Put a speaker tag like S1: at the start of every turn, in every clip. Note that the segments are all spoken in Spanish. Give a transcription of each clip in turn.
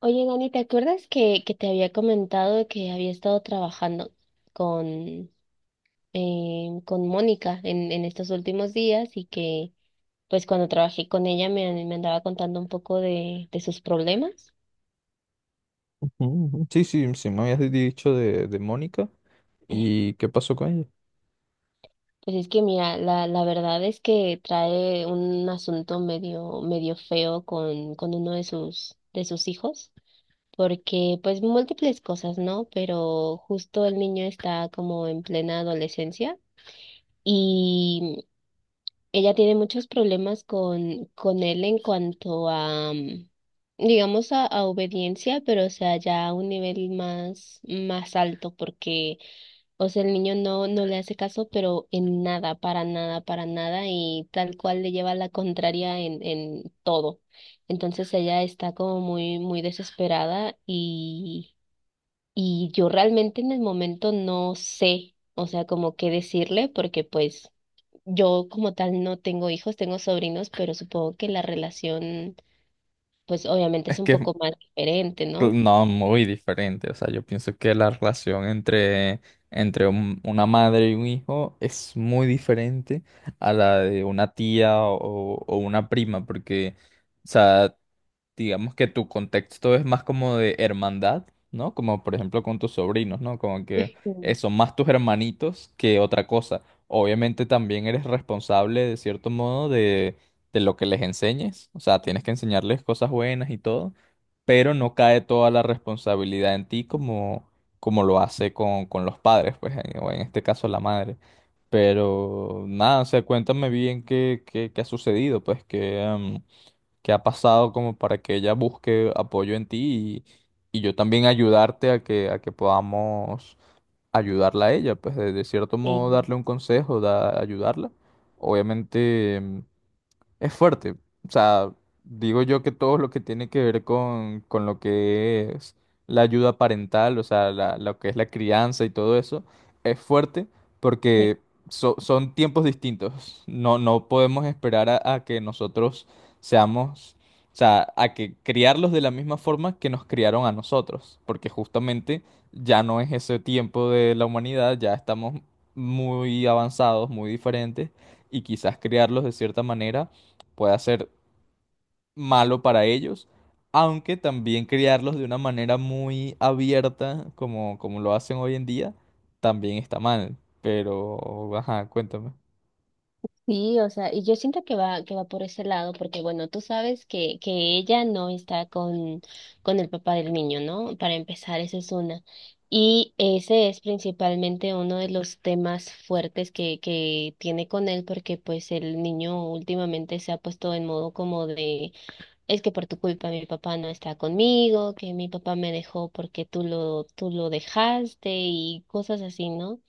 S1: Oye, Dani, ¿te acuerdas que te había comentado que había estado trabajando con, con Mónica en estos últimos días y que pues cuando trabajé con ella me andaba contando un poco de sus problemas?
S2: Ujú. Sí, sí, sí, me habías dicho de Mónica. ¿Y qué pasó con ella?
S1: Pues es que mira, la verdad es que trae un asunto medio feo con uno de sus hijos, porque pues múltiples cosas, ¿no? Pero justo el niño está como en plena adolescencia. Y Ella tiene muchos problemas con él en cuanto a digamos, a obediencia, pero o sea, ya a un nivel más alto, porque, o sea, el niño no le hace caso, pero en nada, para nada, para nada, y tal cual le lleva la contraria en todo. Entonces ella está como muy desesperada y yo realmente en el momento no sé, o sea, como qué decirle, porque pues... Yo como tal no tengo hijos, tengo sobrinos, pero supongo que la relación, pues obviamente es
S2: Es
S1: un
S2: que es
S1: poco más diferente, ¿no?
S2: no, muy diferente. O sea, yo pienso que la relación entre una madre y un hijo es muy diferente a la de una tía o una prima, porque, o sea, digamos que tu contexto es más como de hermandad, ¿no? Como por ejemplo con tus sobrinos, ¿no? Como que
S1: Mm.
S2: son más tus hermanitos que otra cosa. Obviamente también eres responsable de cierto modo de lo que les enseñes, o sea, tienes que enseñarles cosas buenas y todo, pero no cae toda la responsabilidad en ti como, como lo hace con los padres, pues, o en este caso la madre. Pero nada, o sea, cuéntame bien qué ha sucedido, pues que... qué ha pasado como para que ella busque apoyo en ti y yo también ayudarte a a que podamos ayudarla a ella, pues de cierto modo
S1: Sí,
S2: darle un consejo, ayudarla. Obviamente mm, es fuerte. O sea, digo yo que todo lo que tiene que ver con lo que es la ayuda parental, o sea, lo que es la crianza y todo eso, es fuerte
S1: sí.
S2: porque son tiempos distintos. No, no podemos esperar a que nosotros seamos, o sea, a que criarlos de la misma forma que nos criaron a nosotros, porque justamente ya no es ese tiempo de la humanidad, ya estamos muy avanzados, muy diferentes, y quizás criarlos de cierta manera pueda ser malo para ellos, aunque también criarlos de una manera muy abierta, como, como lo hacen hoy en día, también está mal. Pero, ajá, cuéntame.
S1: Sí, o sea, y yo siento que va por ese lado, porque bueno, tú sabes que ella no está con el papá del niño, ¿no? Para empezar, esa es una. Y ese es principalmente uno de los temas fuertes que tiene con él, porque pues el niño últimamente se ha puesto en modo como de es que por tu culpa mi papá no está conmigo, que mi papá me dejó porque tú lo dejaste y cosas así, ¿no?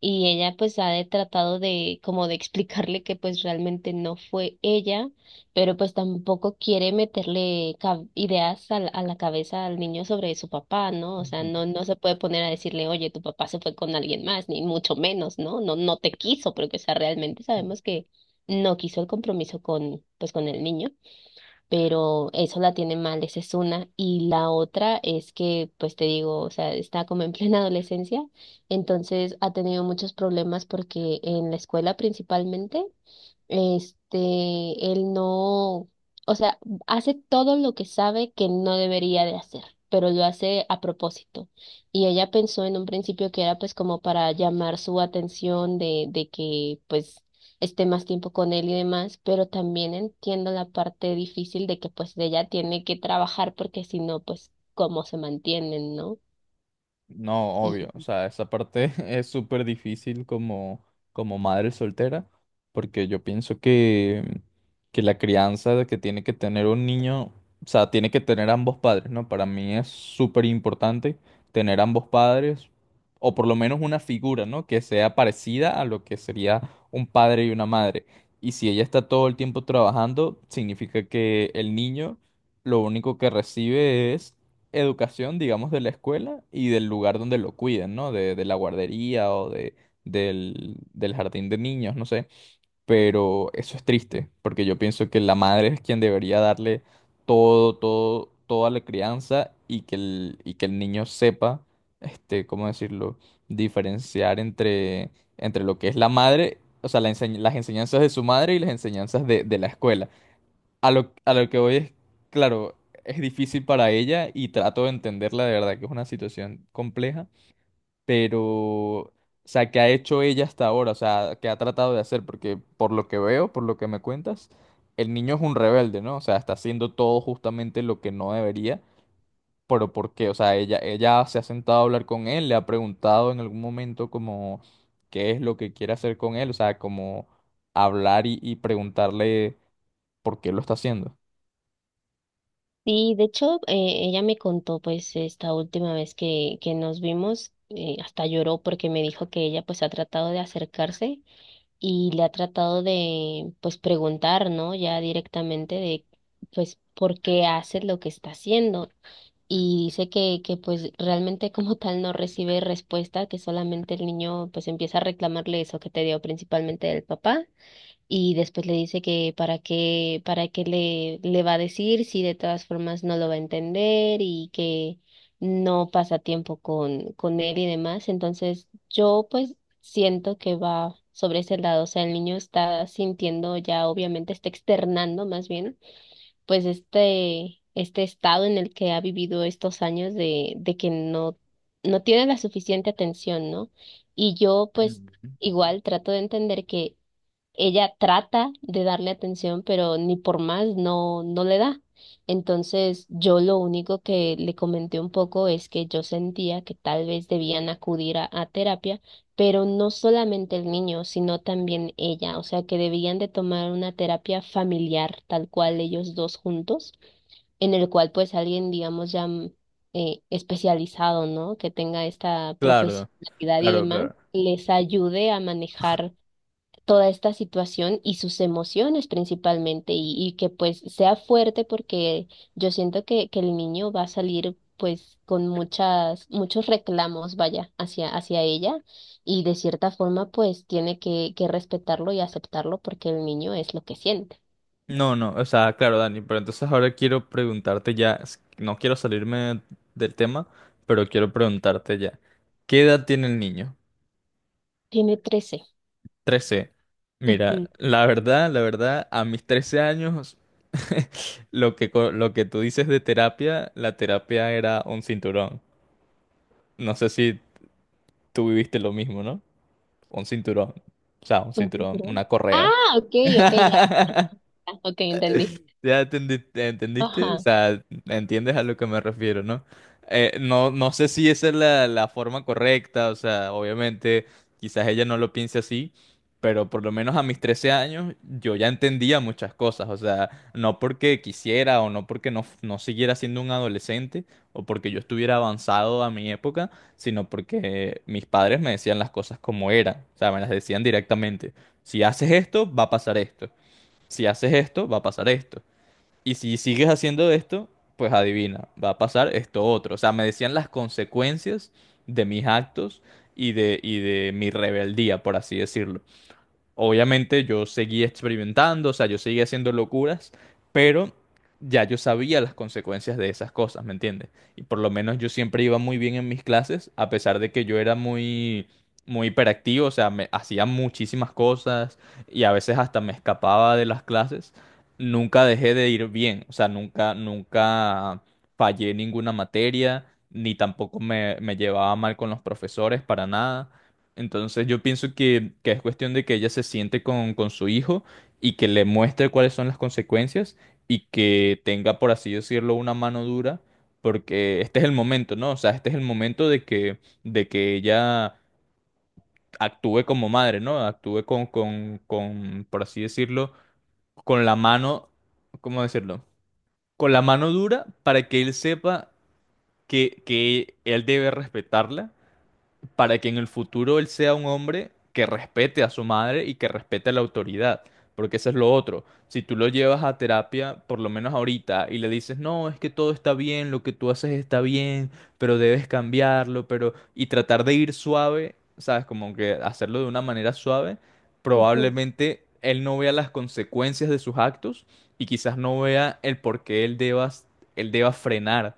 S1: Y ella pues tratado de como de explicarle que pues realmente no fue ella, pero pues tampoco quiere meterle ideas a la cabeza al niño sobre su papá, ¿no? O sea, no, no se puede poner a decirle, oye, tu papá se fue con alguien más, ni mucho menos, ¿no? No, no te quiso, porque o sea, realmente
S2: Ujú.
S1: sabemos que no quiso el compromiso con, pues con el niño, pero eso la tiene mal, esa es una. Y la otra es que, pues te digo, o sea, está como en plena adolescencia, entonces ha tenido muchos problemas porque en la escuela principalmente este, él no, o sea, hace todo lo que sabe que no debería de hacer, pero lo hace a propósito. Y ella pensó en un principio que era pues como para llamar su atención de que pues esté más tiempo con él y demás, pero también entiendo la parte difícil de que pues ella tiene que trabajar porque si no, pues cómo se mantienen, ¿no?
S2: No, obvio, o sea, esa parte es súper difícil como, como madre soltera, porque yo pienso que la crianza de que tiene que tener un niño, o sea, tiene que tener ambos padres, ¿no? Para mí es súper importante tener ambos padres, o por lo menos una figura, ¿no? Que sea parecida a lo que sería un padre y una madre. Y si ella está todo el tiempo trabajando, significa que el niño lo único que recibe es educación, digamos, de la escuela y del lugar donde lo cuiden, ¿no? De la guardería o del del jardín de niños, no sé. Pero eso es triste, porque yo pienso que la madre es quien debería darle todo, todo, toda la crianza y que el niño sepa, este, ¿cómo decirlo? Diferenciar entre, entre lo que es la madre, o sea, las enseñanzas de su madre y las enseñanzas de la escuela. A lo que voy es, claro, es difícil para ella y trato de entenderla, de verdad que es una situación compleja, pero, o sea, ¿qué ha hecho ella hasta ahora? O sea, ¿qué ha tratado de hacer? Porque por lo que veo, por lo que me cuentas, el niño es un rebelde, ¿no? O sea, está haciendo todo justamente lo que no debería, pero ¿por qué? O sea, ella se ha sentado a hablar con él, le ha preguntado en algún momento como qué es lo que quiere hacer con él, o sea, como hablar y preguntarle por qué lo está haciendo.
S1: Sí, de hecho, ella me contó pues esta última vez que nos vimos, hasta lloró porque me dijo que ella pues ha tratado de acercarse y le ha tratado de pues preguntar, ¿no? Ya directamente de pues por qué hace lo que está haciendo y dice que pues realmente como tal no recibe respuesta, que solamente el niño pues empieza a reclamarle eso que te dio principalmente del papá y después le dice que para qué le va a decir si de todas formas no lo va a entender y que no pasa tiempo con él y demás. Entonces yo pues siento que va sobre ese lado, o sea, el niño está sintiendo ya, obviamente está externando más bien, pues este estado en el que ha vivido estos años de que no, no tiene la suficiente atención, ¿no? Y yo pues igual trato de entender que ella trata de darle atención, pero ni por más no, no le da. Entonces, yo lo único que le comenté un poco es que yo sentía que tal vez debían acudir a terapia, pero no solamente el niño, sino también ella, o sea, que debían de tomar una terapia familiar, tal cual ellos dos juntos, en el cual pues alguien, digamos, ya especializado, ¿no? Que tenga esta
S2: Claro,
S1: profesionalidad y
S2: claro,
S1: demás,
S2: claro.
S1: les ayude a manejar toda esta situación y sus emociones principalmente y que pues sea fuerte porque yo siento que el niño va a salir pues con muchas, muchos reclamos, vaya, hacia, hacia ella y de cierta forma pues tiene que respetarlo y aceptarlo porque el niño es lo que siente.
S2: No, no, o sea, claro, Dani, pero entonces ahora quiero preguntarte ya, no quiero salirme del tema, pero quiero preguntarte ya, ¿qué edad tiene el niño?
S1: Tiene 13.
S2: 13.
S1: Ujú.
S2: Mira, la verdad, a mis 13 años, lo que, lo que tú dices de terapia, la terapia era un cinturón. No sé si tú viviste lo mismo, ¿no? Un cinturón, o sea, un
S1: Un
S2: cinturón,
S1: cinturón.
S2: una correa.
S1: Ah, ok, ok, ya. Ah, ok, entendí.
S2: Ya entendiste, o
S1: Ajá.
S2: sea, entiendes a lo que me refiero, ¿no? No, no sé si esa es la, la forma correcta, o sea, obviamente quizás ella no lo piense así, pero por lo menos a mis 13 años yo ya entendía muchas cosas, o sea, no porque quisiera o no porque no siguiera siendo un adolescente o porque yo estuviera avanzado a mi época, sino porque mis padres me decían las cosas como eran, o sea, me las decían directamente, si haces esto, va a pasar esto, si haces esto, va a pasar esto. Y si sigues haciendo esto, pues adivina, va a pasar esto otro. O sea, me decían las consecuencias de mis actos y de mi rebeldía, por así decirlo. Obviamente yo seguí experimentando, o sea, yo seguí haciendo locuras, pero ya yo sabía las consecuencias de esas cosas, ¿me entiendes? Y por lo menos yo siempre iba muy bien en mis clases, a pesar de que yo era muy, muy hiperactivo, o sea, me hacía muchísimas cosas y a veces hasta me escapaba de las clases. Nunca dejé de ir bien, o sea, nunca, nunca fallé ninguna materia, ni tampoco me llevaba mal con los profesores para nada. Entonces yo pienso que es cuestión de que ella se siente con su hijo y que le muestre cuáles son las consecuencias y que tenga, por así decirlo, una mano dura, porque este es el momento, ¿no? O sea, este es el momento de que ella actúe como madre, ¿no? Actúe con, por así decirlo, con la mano, ¿cómo decirlo? Con la mano dura para que él sepa que él debe respetarla para que en el futuro él sea un hombre que respete a su madre y que respete a la autoridad. Porque eso es lo otro. Si tú lo llevas a terapia, por lo menos ahorita, y le dices, no, es que todo está bien, lo que tú haces está bien, pero debes cambiarlo, pero... Y tratar de ir suave, ¿sabes? Como que hacerlo de una manera suave, probablemente él no vea las consecuencias de sus actos y quizás no vea el por qué él deba frenar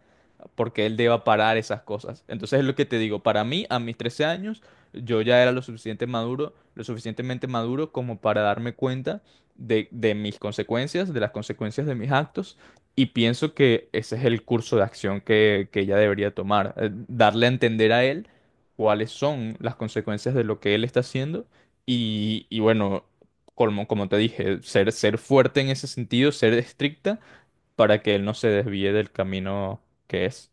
S2: porque él deba parar esas cosas. Entonces es lo que te digo, para mí, a mis 13 años, yo ya era lo suficiente maduro, lo suficientemente maduro como para darme cuenta de mis consecuencias, de las consecuencias de mis actos, y pienso que ese es el curso de acción que ella debería tomar, darle a entender a él cuáles son las consecuencias de lo que él está haciendo, y bueno, como, como te dije, ser, ser fuerte en ese sentido, ser estricta para que él no se desvíe del camino que es.